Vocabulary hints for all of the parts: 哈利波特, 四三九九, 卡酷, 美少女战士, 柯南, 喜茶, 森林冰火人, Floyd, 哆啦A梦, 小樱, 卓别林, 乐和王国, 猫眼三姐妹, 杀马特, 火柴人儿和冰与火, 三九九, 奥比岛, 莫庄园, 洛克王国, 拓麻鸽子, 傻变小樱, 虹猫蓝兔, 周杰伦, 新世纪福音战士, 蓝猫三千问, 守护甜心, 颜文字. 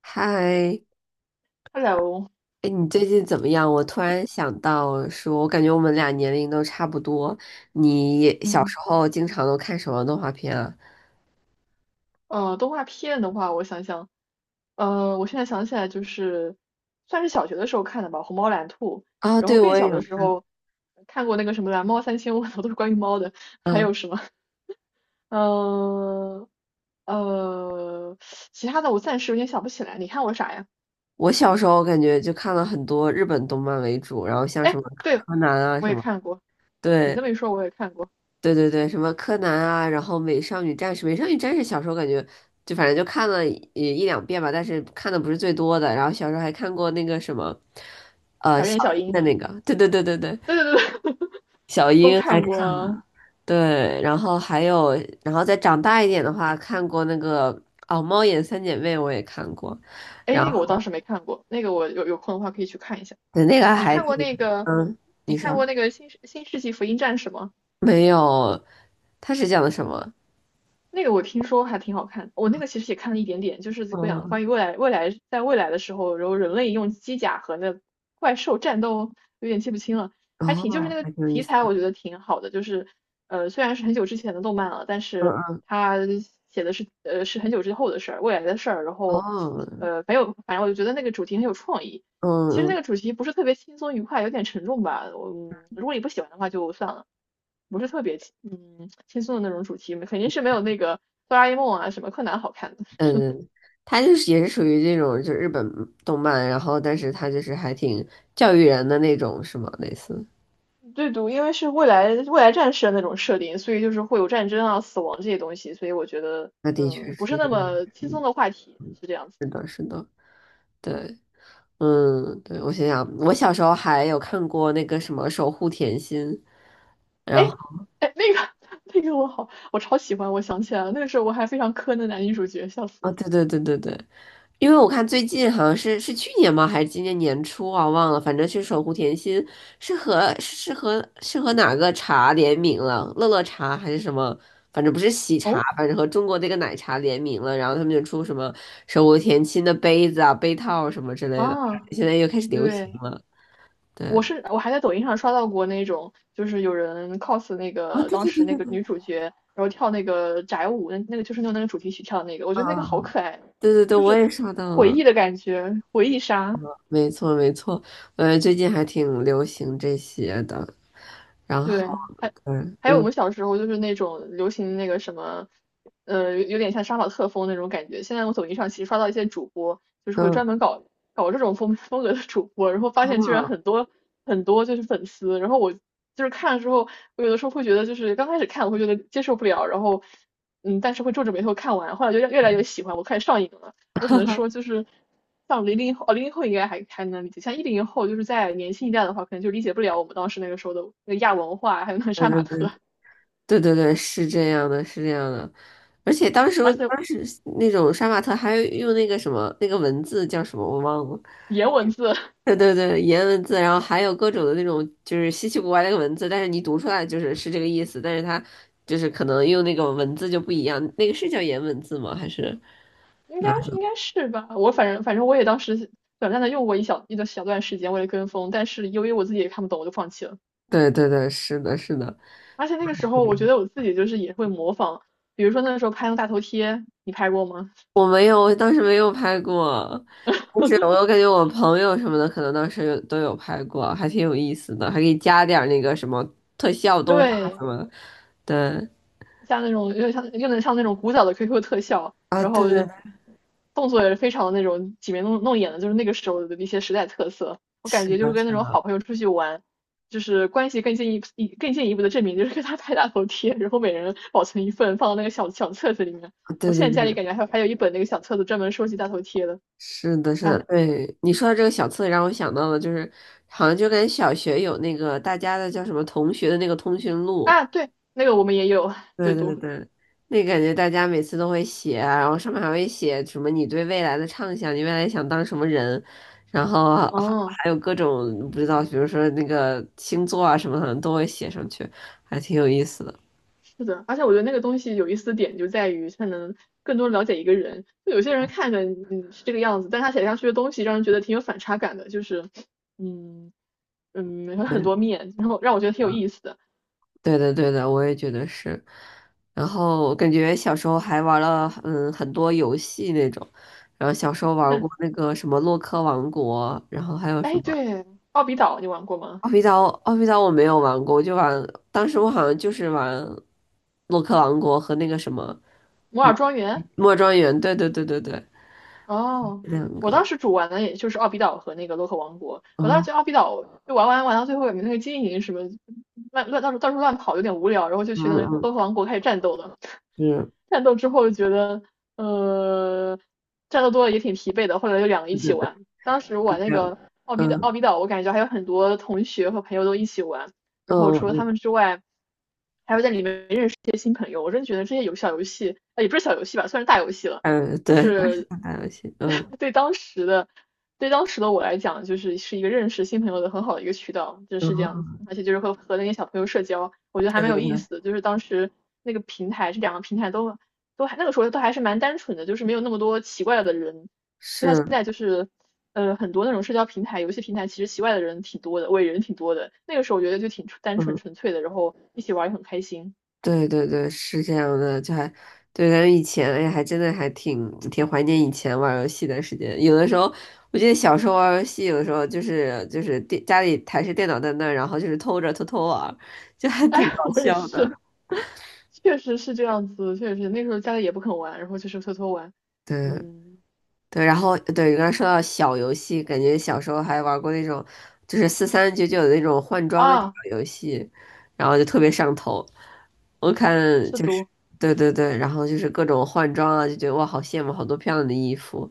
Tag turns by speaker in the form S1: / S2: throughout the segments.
S1: 嗨，
S2: Hello，
S1: 哎，你最近怎么样？我突然想到说，我感觉我们俩年龄都差不多。你也小
S2: 嗯
S1: 时候经常都看什么动画片啊？
S2: 呃，动画片的话，我想想，我现在想起来就是算是小学的时候看的吧，《虹猫蓝兔》，
S1: 啊，
S2: 然后
S1: 对，
S2: 更
S1: 我也
S2: 小
S1: 有。
S2: 的时候看过那个什么《蓝猫三千问》，都是关于猫的，还
S1: 嗯，
S2: 有什么，呃呃，其他的我暂时有点想不起来。你看过啥呀？
S1: 我小时候感觉就看了很多日本动漫为主，然后像什
S2: 哎，
S1: 么
S2: 对，
S1: 柯南啊
S2: 我
S1: 什
S2: 也
S1: 么，
S2: 看过，你这
S1: 对
S2: 么一说，我也看过
S1: 对对对，什么柯南啊，然后美少女战士，美少女战士小时候感觉就反正就看了一两遍吧，但是看的不是最多的。然后小时候还看过那个什么
S2: 《傻
S1: 小
S2: 变小
S1: 樱
S2: 樱》，
S1: 的那个，对对对对对，
S2: 对对对对，
S1: 小
S2: 都
S1: 樱还
S2: 看过
S1: 看。
S2: 啊。
S1: 对，然后还有，然后再长大一点的话，看过那个哦，《猫眼三姐妹》我也看过，
S2: 哎，
S1: 然
S2: 那个我
S1: 后
S2: 当时没看过，那个我有空的话可以去看一下。
S1: 对那个
S2: 你
S1: 还
S2: 看
S1: 挺，
S2: 过那个，
S1: 嗯，
S2: 你
S1: 你
S2: 看过
S1: 说
S2: 那个新世纪福音战士吗？
S1: 没有？它是讲的什么？
S2: 那个我听说还挺好看，我那个其实也看了一点点，就是讲
S1: 嗯，
S2: 关于未来，在未来的时候，然后人类用机甲和那怪兽战斗，有点记不清了，还挺就是那
S1: 哦，
S2: 个
S1: 还挺有意
S2: 题
S1: 思。
S2: 材我觉得挺好的，就是虽然是很久之前的动漫了，但
S1: 嗯
S2: 是
S1: 嗯，
S2: 它写的是很久之后的事儿，未来的事儿，然后
S1: 哦，
S2: 呃很有，反正我就觉得那个主题很有创意。其
S1: 嗯
S2: 实那
S1: 嗯
S2: 个主题不是特别轻松愉快，有点沉重吧。我如果你不喜欢的话就算了，不是特别轻松的那种主题，肯定是没有那个哆啦 A 梦啊什么柯南好看的。
S1: 嗯，它就是也是属于这种，就日本动漫，然后但是它就是还挺教育人的那种，是吗？类似，
S2: 对读因为是未来战士的那种设定，所以就是会有战争啊、死亡这些东西，所以我觉得
S1: 那的确
S2: 不
S1: 是
S2: 是
S1: 有
S2: 那
S1: 点，
S2: 么轻
S1: 嗯，
S2: 松的话题，是这样子
S1: 是
S2: 的。
S1: 的，是的，对。嗯，对，我想想，我小时候还有看过那个什么《守护甜心》，
S2: 哎
S1: 然后
S2: 哎，那个 那个我超喜欢，我想起来了，那个时候我还非常磕那男女主角，笑死
S1: 啊，
S2: 了。
S1: 对对对对对，因为我看最近好像是去年吗，还是今年年初啊，忘了，反正是《守护甜心》是和是和是和哪个茶联名了，乐乐茶还是什么，反正不是喜茶，
S2: 哦
S1: 反正和中国这个奶茶联名了，然后他们就出什么《守护甜心》的杯子啊、杯套什么之类的，
S2: 啊，
S1: 现在又开始流行
S2: 对。
S1: 了，对。
S2: 我还在抖音上刷到过那种，就是有人 cos 那
S1: 啊，
S2: 个
S1: 对
S2: 当
S1: 对
S2: 时
S1: 对
S2: 那
S1: 对
S2: 个
S1: 对，
S2: 女主角，然后跳那个宅舞，那个就是用那个主题曲跳的那个，我觉
S1: 嗯
S2: 得那个
S1: 嗯
S2: 好
S1: 嗯，
S2: 可爱，
S1: 对对对，
S2: 就
S1: 我
S2: 是
S1: 也刷到
S2: 回
S1: 了。
S2: 忆的感觉，回忆杀。
S1: 没错没错，最近还挺流行这些的。然
S2: 对，
S1: 后，
S2: 还
S1: 对，
S2: 还有我
S1: 嗯
S2: 们小时候就是那种流行那个什么，有点像杀马特风那种感觉。现在我抖音上其实刷到一些主播，就是会
S1: 嗯，
S2: 专门搞这种风格的主播，然后发现居然很
S1: 啊
S2: 多很多就是粉丝。然后我就是看了之后，我有的时候会觉得就是刚开始看我会觉得接受不了，然后但是会皱着眉头看完，后来就越来越喜欢，我开始上瘾了。我只能说就是像零零后，哦，零零后应该还能理解，像一零后就是在年轻一代的话，可能就理解不了我们当时那个时候的那个亚文化，还有那个
S1: 对
S2: 杀
S1: 对
S2: 马
S1: 对
S2: 特，
S1: 对对对，是这样的，是这样的。而且当时
S2: 而且
S1: 当时那种杀马特还用那个什么那个文字叫什么我忘了，
S2: 颜文字
S1: 对对对，颜文字，然后还有各种的那种就是稀奇古怪那个文字，但是你读出来就是这个意思，但是它就是可能用那个文字就不一样，那个是叫颜文字吗？还是？
S2: 应该是吧，我反正我也当时短暂的用过一个小段时间，为了跟风，但是由于我自己也看不懂，我就放弃了。
S1: 对对对，是的，是的。
S2: 而且那个时候，我觉得我自己就是也会模仿，比如说那个时候拍那个大头贴，你拍过吗？
S1: 我没有，我当时没有拍过，但是我又感觉我朋友什么的可能当时都有拍过，还挺有意思的，还可以加点儿那个什么特效动画什
S2: 对，
S1: 么的。对，
S2: 像那种又像又能像那种古早的 QQ 特效，
S1: 啊，
S2: 然
S1: 对
S2: 后
S1: 对对，
S2: 动作也是非常那种挤眉弄眼的，就是那个时候的一些时代特色。我感
S1: 是
S2: 觉就是
S1: 的，是
S2: 跟那种
S1: 的，
S2: 好朋友出去玩，就是关系更进一步、更进一步的证明，就是跟他拍大头贴，然后每人保存一份，放到那个小册子里面。我
S1: 对对
S2: 现在
S1: 对，
S2: 家里感觉还有一本那个小册子专门收集大头贴的。
S1: 是的，是的，
S2: 哎
S1: 对。你说的这个小册子让我想到了，就是好像就跟小学有那个大家的叫什么同学的那个通讯录，
S2: 啊，对，那个我们也有
S1: 对
S2: 对
S1: 对
S2: 读，
S1: 对，那感觉大家每次都会写啊然后上面还会写什么你对未来的畅想，你未来想当什么人，然后还
S2: 嗯。
S1: 还有各种不知道，比如说那个星座啊什么，的都会写上去，还挺有意思的。
S2: 是的，而且我觉得那个东西有意思的点就在于它能更多了解一个人。就有些人看着嗯是这个样子，但他写下去的东西让人觉得挺有反差感的，就是嗯有很
S1: 对
S2: 多面，然后让我觉得挺有意思的。
S1: 对的对的，我也觉得是。然后我感觉小时候还玩了很多游戏那种，然后小时候玩过
S2: 但
S1: 那个什么洛克王国，然后还有什
S2: 哎，
S1: 么。
S2: 对，奥比岛你玩过吗？
S1: 奥比岛，奥比岛我没有玩过，我就玩，当时我好像就是玩洛克王国和那个什么
S2: 摩尔庄园？
S1: 莫庄园，对对对对对，
S2: 哦，
S1: 两
S2: 我
S1: 个，
S2: 当时主玩的也就是奥比岛和那个洛克王国。我当时
S1: 哦，
S2: 觉得奥比岛就玩到最后也没那个经营什么乱乱到处到处乱跑有点无聊，然后就
S1: 嗯
S2: 去那个洛
S1: 嗯，
S2: 克王国开始战斗了。
S1: 嗯，是，
S2: 战斗之后就觉得，呃，战斗多了也挺疲惫的，后来就两个一
S1: 对
S2: 起
S1: 对对，
S2: 玩。当时
S1: 是
S2: 玩那
S1: 这样的，
S2: 个奥比岛，
S1: 嗯
S2: 奥比岛我感觉还有很多同学和朋友都一起玩，然后
S1: 嗯
S2: 除了他
S1: 嗯，
S2: 们之外，还会在里面认识一些新朋友。我真觉得这些小游戏，也不是小游戏吧，算是大游戏了，
S1: 嗯，
S2: 就
S1: 对，但是
S2: 是
S1: 打游戏，嗯
S2: 对当时的对当时的我来讲，就是是一个认识新朋友的很好的一个渠道，就
S1: 嗯，然
S2: 是这样子。
S1: 后
S2: 而且就是和那些小朋友社交，我觉得还
S1: 对
S2: 蛮
S1: 对
S2: 有意
S1: 对，
S2: 思的。就是当时那个平台，这两个平台都还那个时候都还是蛮单纯的，就是没有那么多奇怪的人。现
S1: 是。
S2: 在就是很多那种社交平台、游戏平台，其实奇怪的人挺多的，伪人挺多的。那个时候我觉得就挺单纯
S1: 嗯。
S2: 纯粹的，然后一起玩也很开心。
S1: 对对对，是这样的，就还对咱们以前，哎呀，还真的还挺怀念以前玩儿游戏的时间。有的时候，我记得小时候玩儿游戏，有的时候就是家里台式电脑在那儿然后就是偷偷玩儿就还挺
S2: 哎，
S1: 搞
S2: 我也
S1: 笑的。
S2: 是，确实是这样子，确实那时候家里也不肯玩，然后就是偷偷玩。
S1: 对。
S2: 嗯，
S1: 对，然后对，刚才说到小游戏，感觉小时候还玩过那种，就是4399的那种换装的小
S2: 啊，
S1: 游戏，然后就特别上头。我看
S2: 是
S1: 就是，
S2: 读
S1: 对对对，然后就是各种换装啊，就觉得哇，好羡慕，好多漂亮的衣服。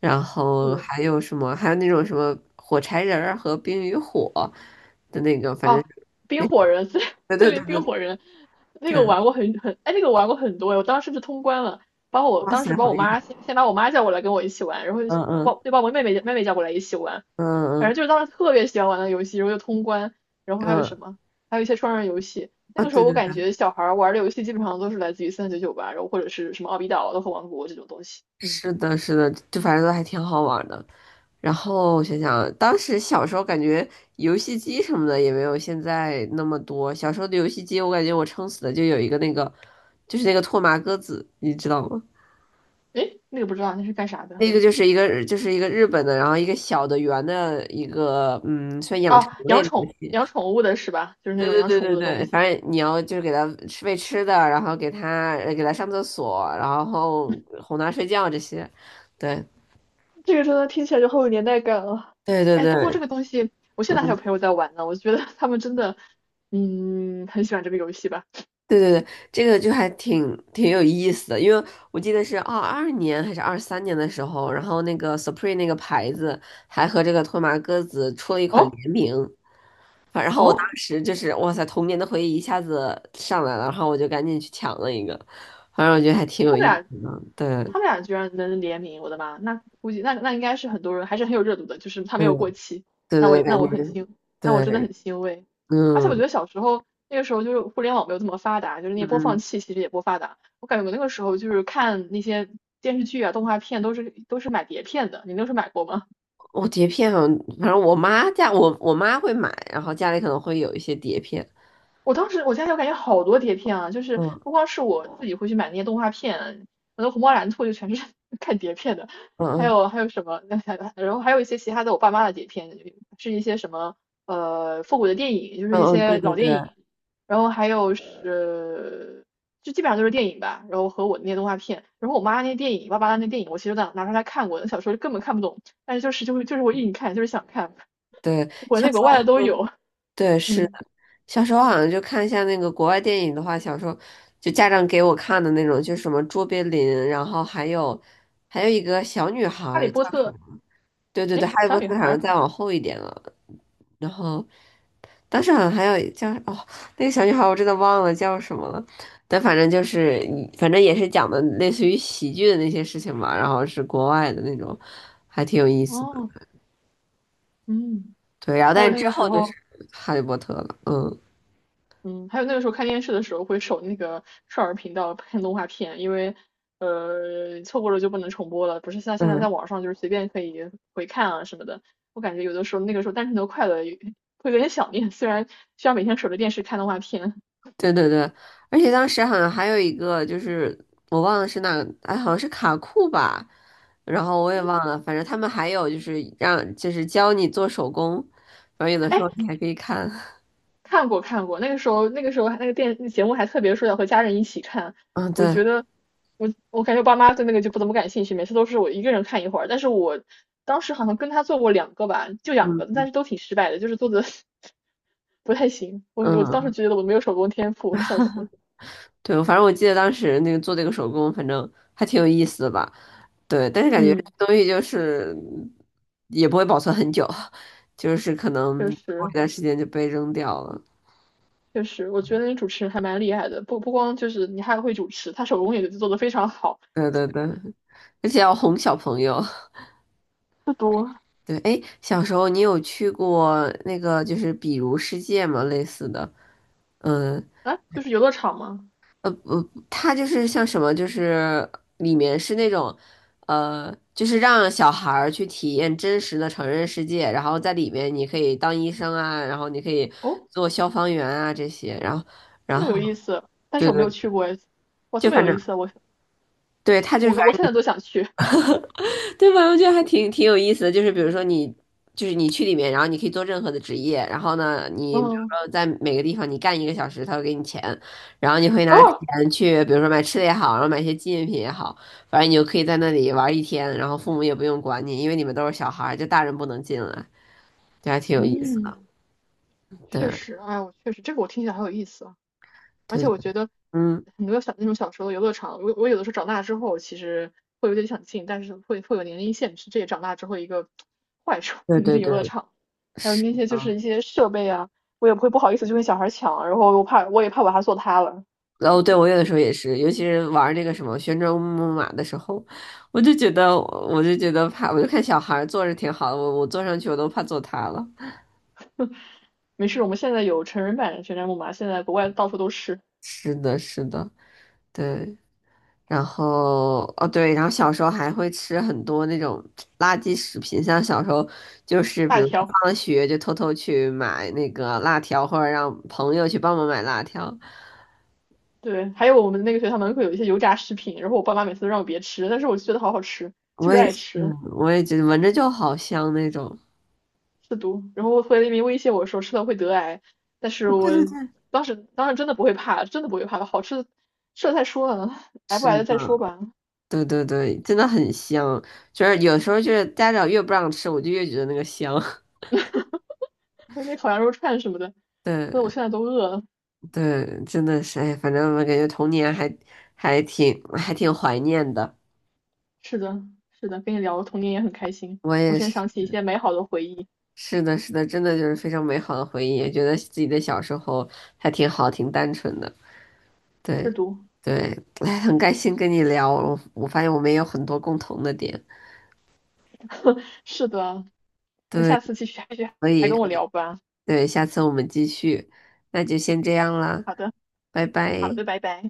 S1: 然后
S2: 对，
S1: 还有什么？还有那种什么火柴人儿和冰与火的那个，反正
S2: 哦，冰
S1: 那
S2: 火人，森
S1: 对对
S2: 森林
S1: 对
S2: 冰
S1: 对
S2: 火人，那个
S1: 对，
S2: 玩过很很，哎，那个玩过很多，我当时是通关了，把我
S1: 哇
S2: 当时
S1: 塞，
S2: 把
S1: 好
S2: 我
S1: 厉害！
S2: 妈先先把我妈叫过来跟我一起玩，然后就
S1: 嗯嗯
S2: 又把我妹妹叫过来一起玩，
S1: 嗯
S2: 反正
S1: 嗯
S2: 就是当时特别喜欢玩的游戏，然后又通关，然后还有
S1: 嗯
S2: 什么，还有一些双人游戏。那
S1: 啊，
S2: 个时
S1: 对
S2: 候我
S1: 对，
S2: 感
S1: 对
S2: 觉小孩儿玩的游戏基本上都是来自于三九九吧，然后或者是什么奥比岛啊、乐和王国这种东西。嗯，
S1: 是的，是的，就反正都还挺好玩的。然后想想，当时小时候感觉游戏机什么的也没有现在那么多。小时候的游戏机，我感觉我撑死的就有一个那个，就是那个拓麻鸽子，你知道吗？
S2: 诶，那个不知道那是干啥的？
S1: 那个就是就是一个日本的，然后一个小的圆的一个，嗯，算养成
S2: 哦，
S1: 类
S2: 养
S1: 的游
S2: 宠
S1: 戏。
S2: 养宠物的是吧？就是那
S1: 对
S2: 种
S1: 对
S2: 养
S1: 对
S2: 宠物
S1: 对
S2: 的东
S1: 对，反
S2: 西。
S1: 正你要就是给它吃喂吃的，然后给它上厕所，然后哄它睡觉这些。对
S2: 这个真的听起来就好有年代感啊！
S1: 对对
S2: 哎，不过
S1: 对，
S2: 这个东西，我现在还有朋友在玩呢，我觉得他们真的，嗯，很喜欢这个游戏吧？
S1: 对对对，这个就还挺有意思的，因为我记得是22年还是23年的时候，然后那个 Supreme 那个牌子还和这个托马鸽子出了一款
S2: 哦
S1: 联名，然后我当
S2: 哦，
S1: 时就是哇塞，童年的回忆一下子上来了，然后我就赶紧去抢了一个，反正我觉得还挺有
S2: 他们
S1: 意
S2: 俩
S1: 思的，对，
S2: 他们俩居然能联名，我的妈！那估计那应该是很多人还是很有热度的，就是他没
S1: 嗯，
S2: 有过期，
S1: 对
S2: 那
S1: 对
S2: 我
S1: 对，感
S2: 那我很
S1: 觉
S2: 欣，那我真的
S1: 对，
S2: 很欣慰。而且我
S1: 嗯
S2: 觉得小时候那个时候就是互联网没有这么发达，就是那些播放
S1: 嗯，
S2: 器其实也不发达，我感觉我那个时候就是看那些电视剧啊、动画片都是买碟片的，你那时候买过吗？
S1: 我碟片好像反正我妈家我妈会买，然后家里可能会有一些碟片，
S2: 我当时我家里我感觉好多碟片啊，就是不
S1: 嗯
S2: 光是我自己会去买那些动画片，我的虹猫蓝兔就全是 看碟片的，
S1: 嗯
S2: 还
S1: 嗯。
S2: 有还有什么，然后还有一些其他的我爸妈的碟片，是一些什么复古的电影，就是
S1: 嗯
S2: 一
S1: 嗯，对
S2: 些
S1: 对
S2: 老
S1: 对
S2: 电影，然后还有是就基本上都是电影吧，然后和我那些动画片，然后我妈那些电影，爸爸那些电影，我其实都拿出来看过，那小时候根本看不懂，但是就是我硬看，就是想看，
S1: 对，
S2: 国
S1: 小
S2: 内
S1: 时
S2: 国外
S1: 候
S2: 的都有，
S1: 对是
S2: 嗯，
S1: 小时候好像就看一下那个国外电影的话，小时候就家长给我看的那种，就什么卓别林，然后还有一个小女孩
S2: 哈利
S1: 儿叫
S2: 波特，
S1: 对对对，
S2: 哎，
S1: 哈利
S2: 小
S1: 波
S2: 女
S1: 特
S2: 孩
S1: 好像
S2: 儿。
S1: 再往后一点了，然后当时好像还有叫哦，那个小女孩我真的忘了叫什么了，但反正也是讲的类似于喜剧的那些事情嘛，然后是国外的那种，还挺有意思的，
S2: 哦，嗯，
S1: 对，然后
S2: 还有
S1: 但
S2: 那
S1: 之
S2: 个时
S1: 后就是
S2: 候，
S1: 哈利波特了，嗯。
S2: 嗯，还有那个时候看电视的时候会守那个少儿频道看动画片，因为错过了就不能重播了，不是像现在在
S1: 嗯，
S2: 网上就是随便可以回看啊什么的。我感觉有的时候那个时候单纯的快乐会有点想念，虽然需要每天守着电视看动画片。
S1: 对对对，而且当时好像还有一个，就是我忘了是哪个，哎，好像是卡酷吧，然后我也
S2: 嗯，
S1: 忘了，反正他们还有就是让就是教你做手工，然后有的时
S2: 哎，
S1: 候你还可以看，
S2: 看过看过，那个时候那个电节目还特别说要和家人一起看，
S1: 嗯，
S2: 我
S1: 对，
S2: 觉得我感觉爸妈对那个就不怎么感兴趣，每次都是我一个人看一会儿。但是我当时好像跟他做过两个吧，就两个，
S1: 嗯
S2: 但是都挺失败的，就是做的 不太行。我当时
S1: 嗯，
S2: 觉得我没有手工天赋，笑死。
S1: 对，反正我记得当时那个做这个手工，反正还挺有意思的吧，对，但是感觉
S2: 嗯，
S1: 这东西就是也不会保存很久，就是可能
S2: 确
S1: 过
S2: 实
S1: 一段时间就被扔掉了，
S2: 确实，我觉得那主持人还蛮厉害的，不光就是你还会主持，他手工也做的非常好。
S1: 对对对，而且要哄小朋友。
S2: 不多
S1: 对，哎，小时候你有去过那个就是比如世界吗？类似的，嗯
S2: 啊，就是游乐场吗？
S1: 呃，它就是像什么，就是里面是那种，就是让小孩儿去体验真实的成人世界，然后在里面你可以当医生啊，然后你可以
S2: 哦，
S1: 做消防员啊这些，然后然
S2: 这么
S1: 后
S2: 有意思，但是
S1: 对
S2: 我没有
S1: 对，
S2: 去过诶。哇，
S1: 就
S2: 这么
S1: 反
S2: 有意
S1: 正
S2: 思，我
S1: 对，他就是
S2: 我我现在都想去。
S1: 对吧？我觉得还挺有意思的，就是比如说你，就是你去里面，然后你可以做任何的职业，然后呢，你比如
S2: 嗯
S1: 说在每个地方你干1个小时，他会给你钱，然 后你会拿
S2: 哦，
S1: 钱去，比如说买吃的也好，然后买一些纪念品也好，反正你就可以在那里玩一天，然后父母也不用管你，因为你们都是小孩儿，就大人不能进来，就还挺有意思的。
S2: 嗯，确
S1: 对
S2: 实，哎，我确实这个我听起来很有意思啊，而且
S1: 对，对
S2: 我觉得
S1: 嗯，
S2: 很多那种小时候的游乐场，我有的时候长大之后其实会有点想进，但是会有年龄限制，这也长大之后一个 坏处，
S1: 对
S2: 不能
S1: 对
S2: 进游乐
S1: 对，
S2: 场。还有
S1: 是。
S2: 那些就是一些设备啊，我也不好意思去跟小孩抢，然后我也怕把它做塌了。
S1: 哦，对，我有的时候也是，尤其是玩那个什么旋转木马的时候，我就觉得，我就觉得怕，我就看小孩儿坐着挺好的，我坐上去我都怕坐塌了。
S2: 没事，我们现在有成人版旋转木马，现在国外到处都是
S1: 是的，是的，对。然后，哦对，然后小时候还会吃很多那种垃圾食品，像小时候就是比
S2: 大
S1: 如说
S2: 条。
S1: 放了学就偷偷去买那个辣条，或者让朋友去帮忙买辣条。
S2: 对，还有我们那个学校门口有一些油炸食品，然后我爸妈每次都让我别吃，但是我就觉得好好吃，
S1: 我
S2: 就是
S1: 也
S2: 爱
S1: 是，
S2: 吃，
S1: 我也觉得闻着就好香那种。
S2: 是毒。然后回来那边威胁我说吃了会得癌，但是
S1: 对
S2: 我
S1: 对对，
S2: 当时真的不会怕，真的不会怕，的，好吃的吃了再说呢，癌不
S1: 是
S2: 癌的
S1: 的。
S2: 再说吧。
S1: 对对对，真的很香。就是有时候就是家长越不让吃，我就越觉得那个香。
S2: 那烤羊肉串什么的，说的我
S1: 对
S2: 现在都饿了。
S1: 对，真的是，哎，反正我感觉童年还挺怀念的。
S2: 是的，是的，跟你聊童年也很开心，
S1: 我
S2: 我
S1: 也
S2: 现
S1: 是，
S2: 在想起一些美好的回忆。
S1: 是的，是的，真的就是非常美好的回忆，也觉得自己的小时候还挺好，挺单纯的。
S2: 是
S1: 对
S2: 毒，
S1: 对，哎，很开心跟你聊，我发现我们也有很多共同的点。
S2: 是的，那
S1: 对，
S2: 下次继续
S1: 所
S2: 还
S1: 以
S2: 跟我聊吧。
S1: 对，下次我们继续，那就先这样啦，
S2: 好的，
S1: 拜
S2: 好
S1: 拜。
S2: 的，拜拜。